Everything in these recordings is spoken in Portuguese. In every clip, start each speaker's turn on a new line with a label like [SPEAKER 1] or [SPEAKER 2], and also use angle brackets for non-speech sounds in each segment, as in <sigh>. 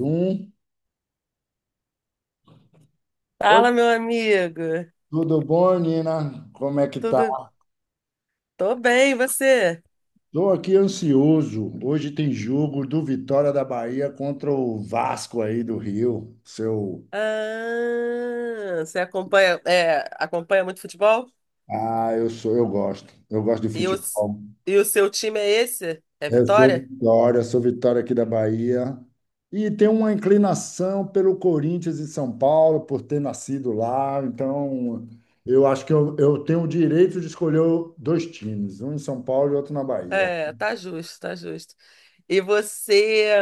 [SPEAKER 1] Um. Oi,
[SPEAKER 2] Fala, meu amigo.
[SPEAKER 1] tudo bom, Nina? Como é que tá?
[SPEAKER 2] Tudo? Tô bem, e você?
[SPEAKER 1] Estou aqui ansioso. Hoje tem jogo do Vitória da Bahia contra o Vasco aí do Rio. Seu.
[SPEAKER 2] Ah, você acompanha, acompanha muito futebol?
[SPEAKER 1] Ah, eu gosto. Eu gosto de
[SPEAKER 2] E o,
[SPEAKER 1] futebol.
[SPEAKER 2] e o seu time é esse? É
[SPEAKER 1] Eu
[SPEAKER 2] Vitória?
[SPEAKER 1] Sou Vitória aqui da Bahia. E tenho uma inclinação pelo Corinthians e São Paulo, por ter nascido lá. Então, eu acho que eu tenho o direito de escolher dois times, um em São Paulo e outro na Bahia.
[SPEAKER 2] É, tá justo, tá justo. E você,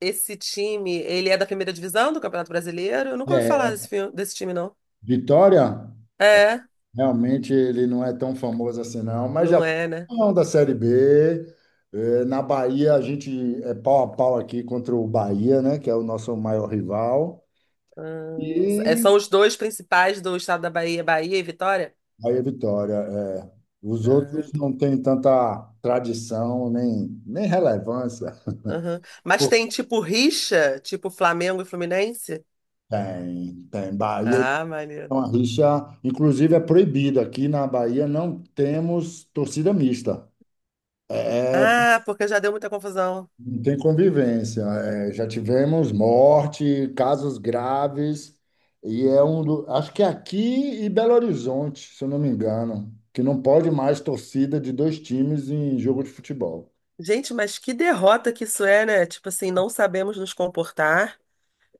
[SPEAKER 2] esse time, ele é da primeira divisão do Campeonato Brasileiro? Eu nunca ouvi falar
[SPEAKER 1] É,
[SPEAKER 2] desse, desse time, não.
[SPEAKER 1] Vitória?
[SPEAKER 2] É,
[SPEAKER 1] Realmente ele não é tão famoso assim, não, mas já
[SPEAKER 2] não
[SPEAKER 1] foi
[SPEAKER 2] é, né?
[SPEAKER 1] campeão da Série B. Na Bahia, a gente é pau a pau aqui contra o Bahia, né? Que é o nosso maior rival.
[SPEAKER 2] Ah, é,
[SPEAKER 1] E
[SPEAKER 2] são os dois principais do estado da Bahia, Bahia e Vitória?
[SPEAKER 1] Bahia Vitória. É. Os
[SPEAKER 2] Ah,
[SPEAKER 1] outros não têm tanta tradição nem relevância.
[SPEAKER 2] aham.
[SPEAKER 1] Pô,
[SPEAKER 2] Mas tem tipo rixa, tipo Flamengo e Fluminense?
[SPEAKER 1] tem, tem. Bahia
[SPEAKER 2] Ah,
[SPEAKER 1] é
[SPEAKER 2] maneiro.
[SPEAKER 1] uma rixa, inclusive é proibida. Aqui na Bahia não temos torcida mista. É,
[SPEAKER 2] Ah, porque já deu muita confusão.
[SPEAKER 1] não tem convivência. É, já tivemos morte, casos graves, e é um do, acho que é aqui e Belo Horizonte, se eu não me engano, que não pode mais torcida de dois times em jogo de futebol.
[SPEAKER 2] Gente, mas que derrota que isso é, né? Tipo assim, não sabemos nos comportar,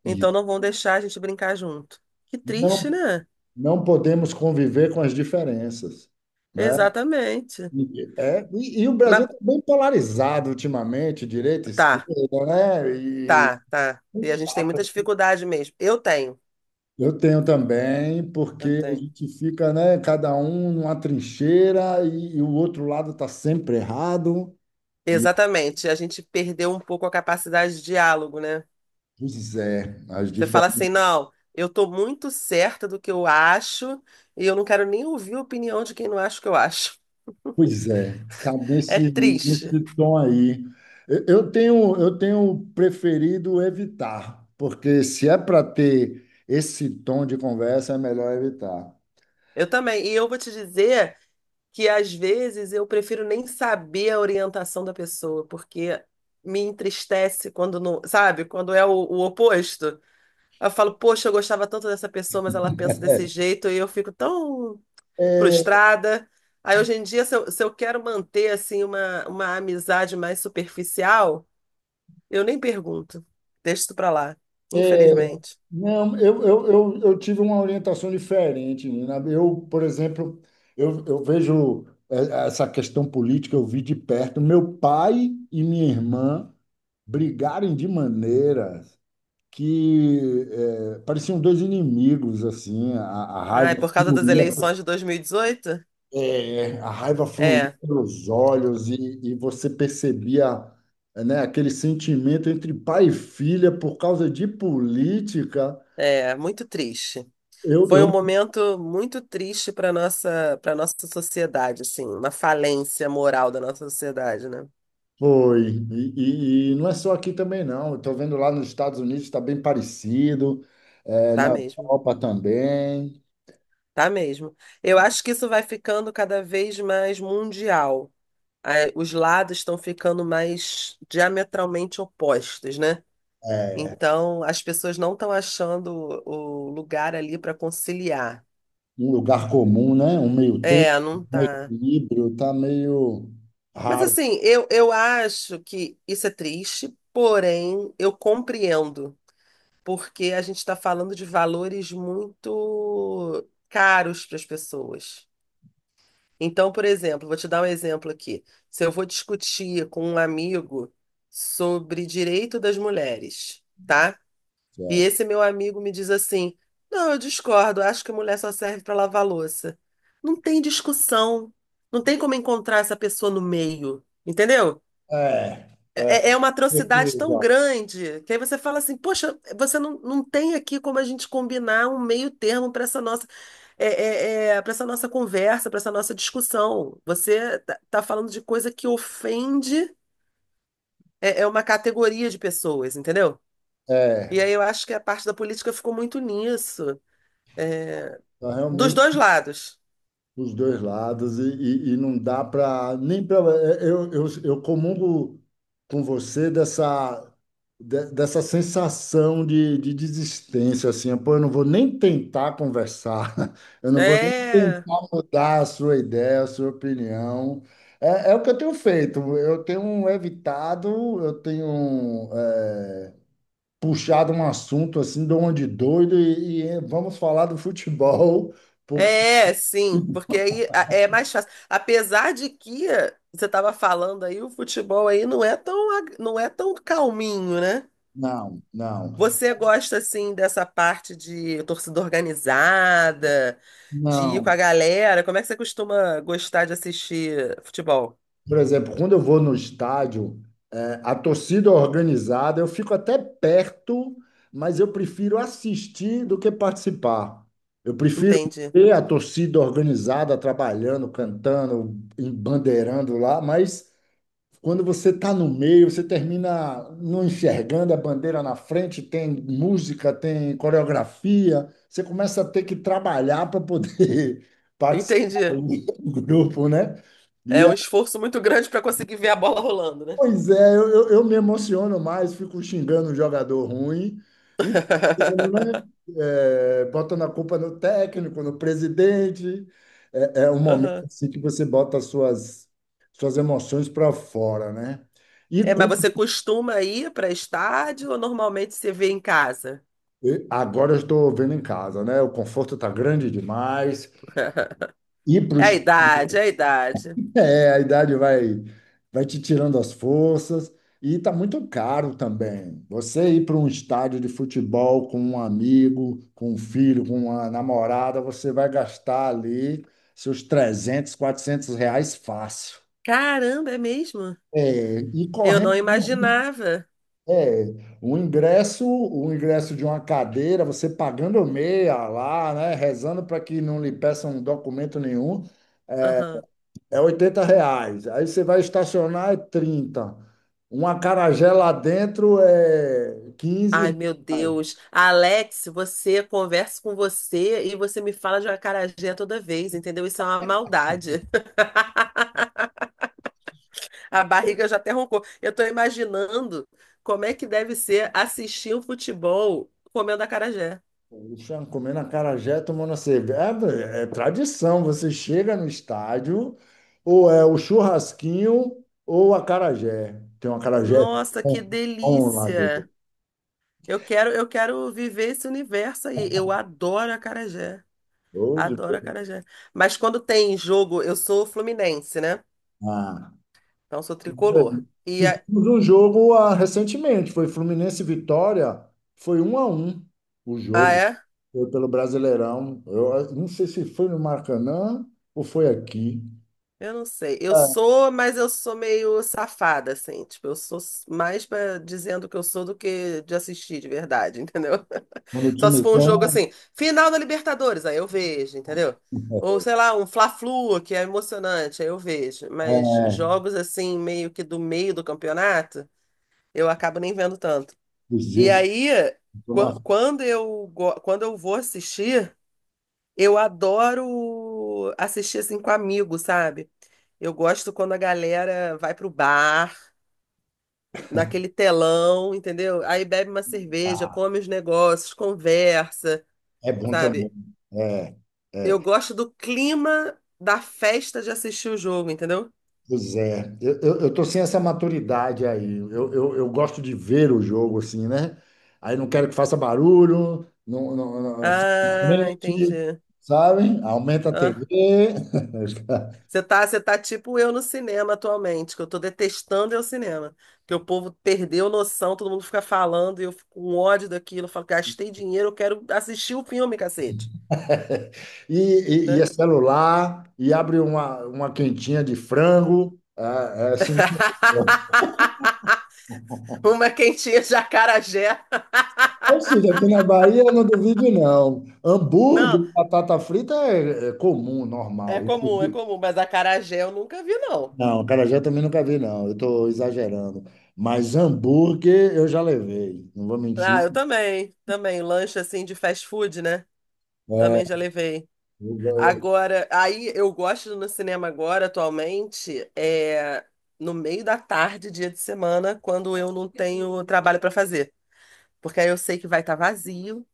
[SPEAKER 1] E
[SPEAKER 2] então não vão deixar a gente brincar junto. Que triste,
[SPEAKER 1] não,
[SPEAKER 2] né?
[SPEAKER 1] não podemos conviver com as diferenças, né?
[SPEAKER 2] Exatamente.
[SPEAKER 1] É, e o Brasil
[SPEAKER 2] Mas
[SPEAKER 1] está bem polarizado ultimamente, direita,
[SPEAKER 2] tá,
[SPEAKER 1] esquerda, né? E
[SPEAKER 2] tá. E a gente tem muita dificuldade mesmo. Eu tenho,
[SPEAKER 1] eu tenho também, porque
[SPEAKER 2] eu
[SPEAKER 1] a
[SPEAKER 2] tenho.
[SPEAKER 1] gente fica, né, cada um numa trincheira e o outro lado está sempre errado. E,
[SPEAKER 2] Exatamente. A gente perdeu um pouco a capacidade de diálogo, né?
[SPEAKER 1] pois é, as
[SPEAKER 2] Você fala
[SPEAKER 1] diferenças.
[SPEAKER 2] assim, não, eu tô muito certa do que eu acho e eu não quero nem ouvir a opinião de quem não acha o que eu acho. <laughs>
[SPEAKER 1] Pois é, tá
[SPEAKER 2] É
[SPEAKER 1] nesse,
[SPEAKER 2] triste.
[SPEAKER 1] nesse tom aí. Eu tenho preferido evitar, porque se é para ter esse tom de conversa, é melhor evitar.
[SPEAKER 2] Eu também. E eu vou te dizer que às vezes eu prefiro nem saber a orientação da pessoa, porque me entristece quando não, sabe? Quando é o oposto. Eu falo, poxa, eu gostava tanto dessa pessoa, mas ela pensa desse jeito e eu fico tão
[SPEAKER 1] É,
[SPEAKER 2] frustrada. Aí hoje em dia, se eu quero manter assim uma amizade mais superficial. Eu nem pergunto. Deixa isso pra lá.
[SPEAKER 1] é,
[SPEAKER 2] Infelizmente.
[SPEAKER 1] Não, eu tive uma orientação diferente, Nina. Eu, por exemplo, eu vejo essa questão política, eu vi de perto. Meu pai e minha irmã brigarem de maneira que pareciam dois inimigos, assim. A
[SPEAKER 2] Ah,
[SPEAKER 1] raiva
[SPEAKER 2] é por causa das
[SPEAKER 1] fluía,
[SPEAKER 2] eleições de 2018.
[SPEAKER 1] a raiva fluía
[SPEAKER 2] É,
[SPEAKER 1] pelos olhos e você percebia, né, aquele sentimento entre pai e filha por causa de política.
[SPEAKER 2] é, muito triste.
[SPEAKER 1] Eu,
[SPEAKER 2] Foi
[SPEAKER 1] eu
[SPEAKER 2] um momento muito triste para para nossa sociedade, assim, uma falência moral da nossa sociedade, né?
[SPEAKER 1] Foi. E, e não é só aqui também, não. Eu estou vendo lá nos Estados Unidos está bem parecido, é, na
[SPEAKER 2] Tá mesmo,
[SPEAKER 1] Europa também.
[SPEAKER 2] tá mesmo. Eu acho que isso vai ficando cada vez mais mundial. Ah, os lados estão ficando mais diametralmente opostos, né?
[SPEAKER 1] É,
[SPEAKER 2] Então, as pessoas não estão achando o lugar ali para conciliar.
[SPEAKER 1] um lugar comum, né? Um meio-termo,
[SPEAKER 2] É, não
[SPEAKER 1] um
[SPEAKER 2] tá.
[SPEAKER 1] equilíbrio, está meio
[SPEAKER 2] Mas
[SPEAKER 1] raro.
[SPEAKER 2] assim, eu acho que isso é triste, porém eu compreendo, porque a gente está falando de valores muito caros para as pessoas. Então, por exemplo, vou te dar um exemplo aqui. Se eu vou discutir com um amigo sobre direito das mulheres, tá? E
[SPEAKER 1] É,
[SPEAKER 2] esse meu amigo me diz assim: não, eu discordo, acho que mulher só serve para lavar louça. Não tem discussão, não tem como encontrar essa pessoa no meio, entendeu?
[SPEAKER 1] é, é,
[SPEAKER 2] É, é uma atrocidade tão
[SPEAKER 1] certeza.
[SPEAKER 2] grande que aí você fala assim: poxa, você não tem aqui como a gente combinar um meio termo para essa nossa. Para essa nossa conversa, para essa nossa discussão. Você tá, tá falando de coisa que ofende, é uma categoria de pessoas, entendeu?
[SPEAKER 1] É,
[SPEAKER 2] E aí eu acho que a parte da política ficou muito nisso. É,
[SPEAKER 1] tá
[SPEAKER 2] dos
[SPEAKER 1] realmente.
[SPEAKER 2] dois lados.
[SPEAKER 1] Os dois lados e, e não dá para nem para eu comungo com você dessa dessa sensação de desistência assim. Pô, eu não vou nem tentar conversar. <laughs> Eu não vou nem
[SPEAKER 2] É,
[SPEAKER 1] tentar mudar a sua ideia, a sua opinião. É, é o que eu tenho feito. Eu tenho evitado. Eu tenho é, puxado um assunto assim de onde doido e vamos falar do futebol porque
[SPEAKER 2] é, sim, porque aí é mais fácil. Apesar de que você estava falando aí, o futebol aí não é tão, não é tão calminho, né?
[SPEAKER 1] não, não.
[SPEAKER 2] Você gosta assim dessa parte de torcida organizada, de ir com
[SPEAKER 1] Não.
[SPEAKER 2] a galera? Como é que você costuma gostar de assistir futebol?
[SPEAKER 1] Por exemplo, quando eu vou no estádio, é, a torcida organizada, eu fico até perto, mas eu prefiro assistir do que participar. Eu prefiro
[SPEAKER 2] Entendi.
[SPEAKER 1] ver a torcida organizada trabalhando, cantando, bandeirando lá, mas quando você está no meio, você termina não enxergando a bandeira na frente, tem música, tem coreografia, você começa a ter que trabalhar para poder <laughs> participar
[SPEAKER 2] Entendi.
[SPEAKER 1] do grupo, né? E
[SPEAKER 2] É um esforço muito grande para conseguir ver a bola rolando, né?
[SPEAKER 1] pois é, eu me emociono mais, fico xingando um jogador ruim e, né,
[SPEAKER 2] <laughs>
[SPEAKER 1] é, botando a culpa no técnico, no presidente. É, é um momento
[SPEAKER 2] Aham.
[SPEAKER 1] assim que você bota suas emoções para fora, né? E
[SPEAKER 2] É, mas você costuma ir para estádio ou normalmente você vê em casa?
[SPEAKER 1] e agora eu estou vendo em casa, né? O conforto está grande demais.
[SPEAKER 2] <laughs>
[SPEAKER 1] Ir para
[SPEAKER 2] É a
[SPEAKER 1] o
[SPEAKER 2] idade, é a idade.
[SPEAKER 1] é, a idade vai, vai te tirando as forças e tá muito caro também. Você ir para um estádio de futebol com um amigo, com um filho, com uma namorada, você vai gastar ali seus 300, 400 reais fácil.
[SPEAKER 2] Caramba, é mesmo?
[SPEAKER 1] É, e
[SPEAKER 2] Eu
[SPEAKER 1] correndo,
[SPEAKER 2] não imaginava.
[SPEAKER 1] é, o ingresso de uma cadeira, você pagando meia lá, né, rezando para que não lhe peçam documento nenhum.
[SPEAKER 2] Aham.
[SPEAKER 1] É 80 reais. Aí você vai estacionar, é 30. Um acarajé lá dentro é
[SPEAKER 2] Ai,
[SPEAKER 1] 15
[SPEAKER 2] meu
[SPEAKER 1] reais.
[SPEAKER 2] Deus. Alex, você conversa com você e você me fala de uma acarajé toda vez, entendeu? Isso é uma maldade. <laughs> A barriga já até roncou. Eu tô imaginando como é que deve ser assistir o futebol comendo acarajé.
[SPEAKER 1] Poxa, comendo acarajé, tomando a cerveja. É, é tradição. Você chega no estádio, ou é o churrasquinho ou o acarajé. Tem um acarajé
[SPEAKER 2] Nossa, que
[SPEAKER 1] bom, bom lá de
[SPEAKER 2] delícia! Eu quero viver esse universo aí. Eu adoro acarajé.
[SPEAKER 1] Hoje,
[SPEAKER 2] Adoro acarajé. Mas quando tem jogo, eu sou fluminense, né?
[SPEAKER 1] ah,
[SPEAKER 2] Então sou tricolor. E
[SPEAKER 1] tivemos
[SPEAKER 2] a-
[SPEAKER 1] um jogo ah, recentemente, foi Fluminense e Vitória, foi 1 a 1 o
[SPEAKER 2] ah,
[SPEAKER 1] jogo,
[SPEAKER 2] é?
[SPEAKER 1] foi pelo Brasileirão. Eu ah, não sei se foi no Maracanã ou foi aqui.
[SPEAKER 2] Eu não sei. Eu
[SPEAKER 1] É.
[SPEAKER 2] sou, mas eu sou meio safada, assim. Tipo, eu sou mais pra dizendo que eu sou do que de assistir de verdade, <laughs> entendeu?
[SPEAKER 1] Quando o
[SPEAKER 2] Só se
[SPEAKER 1] time
[SPEAKER 2] for um jogo
[SPEAKER 1] ganha,
[SPEAKER 2] assim, final da Libertadores, aí eu vejo, entendeu? Ou sei lá, um Fla-Flu, que é emocionante, aí eu vejo. Mas
[SPEAKER 1] é,
[SPEAKER 2] jogos assim, meio que do meio do campeonato. Eu acabo nem vendo tanto.
[SPEAKER 1] o
[SPEAKER 2] E
[SPEAKER 1] Zildo,
[SPEAKER 2] aí,
[SPEAKER 1] eu
[SPEAKER 2] quando eu vou assistir, eu adoro assistir assim com amigos, sabe? Eu gosto quando a galera vai pro bar, naquele telão, entendeu? Aí bebe uma cerveja, come os negócios, conversa,
[SPEAKER 1] é bom também.
[SPEAKER 2] sabe?
[SPEAKER 1] É,
[SPEAKER 2] Eu
[SPEAKER 1] é.
[SPEAKER 2] gosto do clima da festa de assistir o jogo, entendeu?
[SPEAKER 1] Pois é, eu tô sem essa maturidade aí. Eu gosto de ver o jogo assim, né? Aí não quero que faça barulho, fica na
[SPEAKER 2] Ah,
[SPEAKER 1] frente,
[SPEAKER 2] entendi.
[SPEAKER 1] sabe? Aumenta a TV, <laughs>
[SPEAKER 2] Você tá tipo eu no cinema atualmente, que eu tô detestando é o cinema. Que o povo perdeu noção, todo mundo fica falando e eu fico com ódio daquilo. Eu falo, gastei dinheiro, eu quero assistir o filme, cacete.
[SPEAKER 1] e, e é
[SPEAKER 2] Né?
[SPEAKER 1] celular, e abre uma quentinha de frango. É, é assim, né?
[SPEAKER 2] <laughs>
[SPEAKER 1] <laughs>
[SPEAKER 2] Uma quentinha de acarajé. <laughs>
[SPEAKER 1] Ou seja, aqui na Bahia eu não duvido, não.
[SPEAKER 2] Não,
[SPEAKER 1] Hambúrguer, batata frita é comum, normal.
[SPEAKER 2] é comum, mas acarajé eu nunca vi, não.
[SPEAKER 1] Não, acarajé eu também nunca vi, não. Eu estou exagerando. Mas hambúrguer eu já levei, não vou
[SPEAKER 2] Ah,
[SPEAKER 1] mentir.
[SPEAKER 2] eu também, também. Lanche assim de fast food, né?
[SPEAKER 1] É,
[SPEAKER 2] Também já levei.
[SPEAKER 1] eu-
[SPEAKER 2] Agora, aí eu gosto no cinema agora, atualmente, é no meio da tarde, dia de semana, quando eu não tenho trabalho para fazer. Porque aí eu sei que vai estar vazio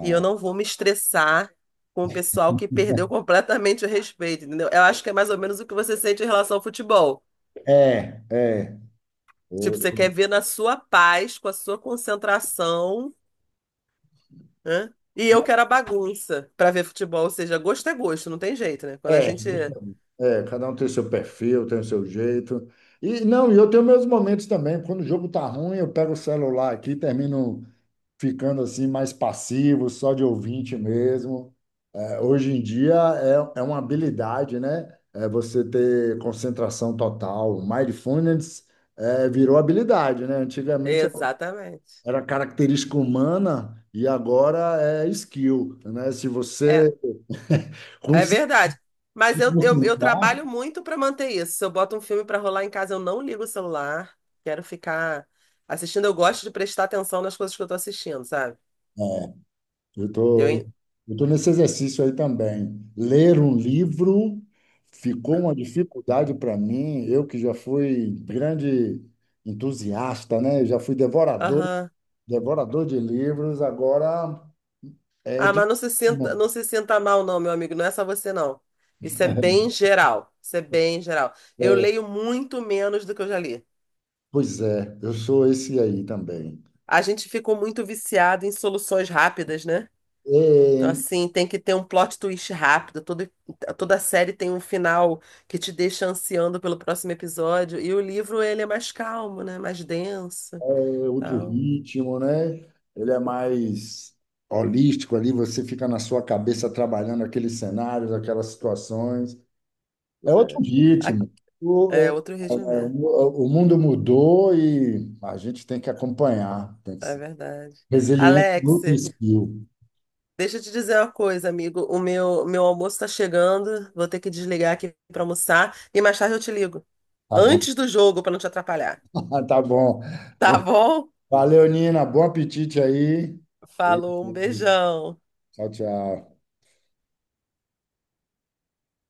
[SPEAKER 2] e eu não vou me estressar com o pessoal que perdeu completamente o respeito, entendeu? Eu acho que é mais ou menos o que você sente em relação ao futebol.
[SPEAKER 1] é, é. É.
[SPEAKER 2] Tipo,
[SPEAKER 1] Eu-
[SPEAKER 2] você quer ver na sua paz, com a sua concentração, né? E eu quero a bagunça para ver futebol, ou seja, gosto é gosto, não tem jeito, né? Quando a
[SPEAKER 1] É,
[SPEAKER 2] gente.
[SPEAKER 1] é, cada um tem seu perfil, tem o seu jeito. E não, e eu tenho meus momentos também. Quando o jogo tá ruim, eu pego o celular aqui, termino ficando assim mais passivo, só de ouvinte mesmo. É, hoje em dia é, é uma habilidade, né? É você ter concentração total. Mindfulness é, virou habilidade, né? Antigamente
[SPEAKER 2] Exatamente.
[SPEAKER 1] era característica humana e agora é skill, né? Se
[SPEAKER 2] É,
[SPEAKER 1] você <laughs>
[SPEAKER 2] é
[SPEAKER 1] conseguir
[SPEAKER 2] verdade. Mas
[SPEAKER 1] se
[SPEAKER 2] eu
[SPEAKER 1] concentrar,
[SPEAKER 2] trabalho muito para manter isso. Se eu boto um filme para rolar em casa, eu não ligo o celular. Quero ficar assistindo. Eu gosto de prestar atenção nas coisas que eu tô assistindo, sabe?
[SPEAKER 1] eu
[SPEAKER 2] Eu,
[SPEAKER 1] tô,
[SPEAKER 2] en-
[SPEAKER 1] eu tô nesse exercício aí também. Ler um livro ficou uma dificuldade para mim. Eu que já fui grande entusiasta, né? Eu já fui devorador.
[SPEAKER 2] aham.
[SPEAKER 1] Devorador de livros, agora é
[SPEAKER 2] Ah, mas
[SPEAKER 1] de.
[SPEAKER 2] não se sinta, não se sinta mal, não, meu amigo. Não é só você, não. Isso é bem
[SPEAKER 1] <laughs>
[SPEAKER 2] geral. Isso é bem geral. Eu leio muito menos do que eu já li.
[SPEAKER 1] Pois é, eu sou esse aí também.
[SPEAKER 2] A gente ficou muito viciado em soluções rápidas, né? Então,
[SPEAKER 1] É,
[SPEAKER 2] assim, tem que ter um plot twist rápido. Todo, toda série tem um final que te deixa ansiando pelo próximo episódio. E o livro, ele é mais calmo, né? Mais denso,
[SPEAKER 1] é outro
[SPEAKER 2] tal.
[SPEAKER 1] ritmo, né? Ele é mais holístico ali, você fica na sua cabeça trabalhando aqueles cenários, aquelas situações. É outro
[SPEAKER 2] Né? A-
[SPEAKER 1] ritmo. O, é,
[SPEAKER 2] é, outro ritmo mesmo.
[SPEAKER 1] o mundo mudou e a gente tem que acompanhar, tem que
[SPEAKER 2] É
[SPEAKER 1] ser
[SPEAKER 2] verdade.
[SPEAKER 1] resiliente
[SPEAKER 2] Alex,
[SPEAKER 1] no skill.
[SPEAKER 2] deixa eu te dizer uma coisa, amigo. Meu almoço está chegando. Vou ter que desligar aqui para almoçar. E mais tarde eu te ligo.
[SPEAKER 1] Tá bom,
[SPEAKER 2] Antes do jogo, para não te atrapalhar.
[SPEAKER 1] <laughs> tá bom.
[SPEAKER 2] Tá bom?
[SPEAKER 1] Valeu, Nina. Bom apetite aí. E-
[SPEAKER 2] Falou, um
[SPEAKER 1] e-
[SPEAKER 2] beijão.
[SPEAKER 1] Tchau, tchau.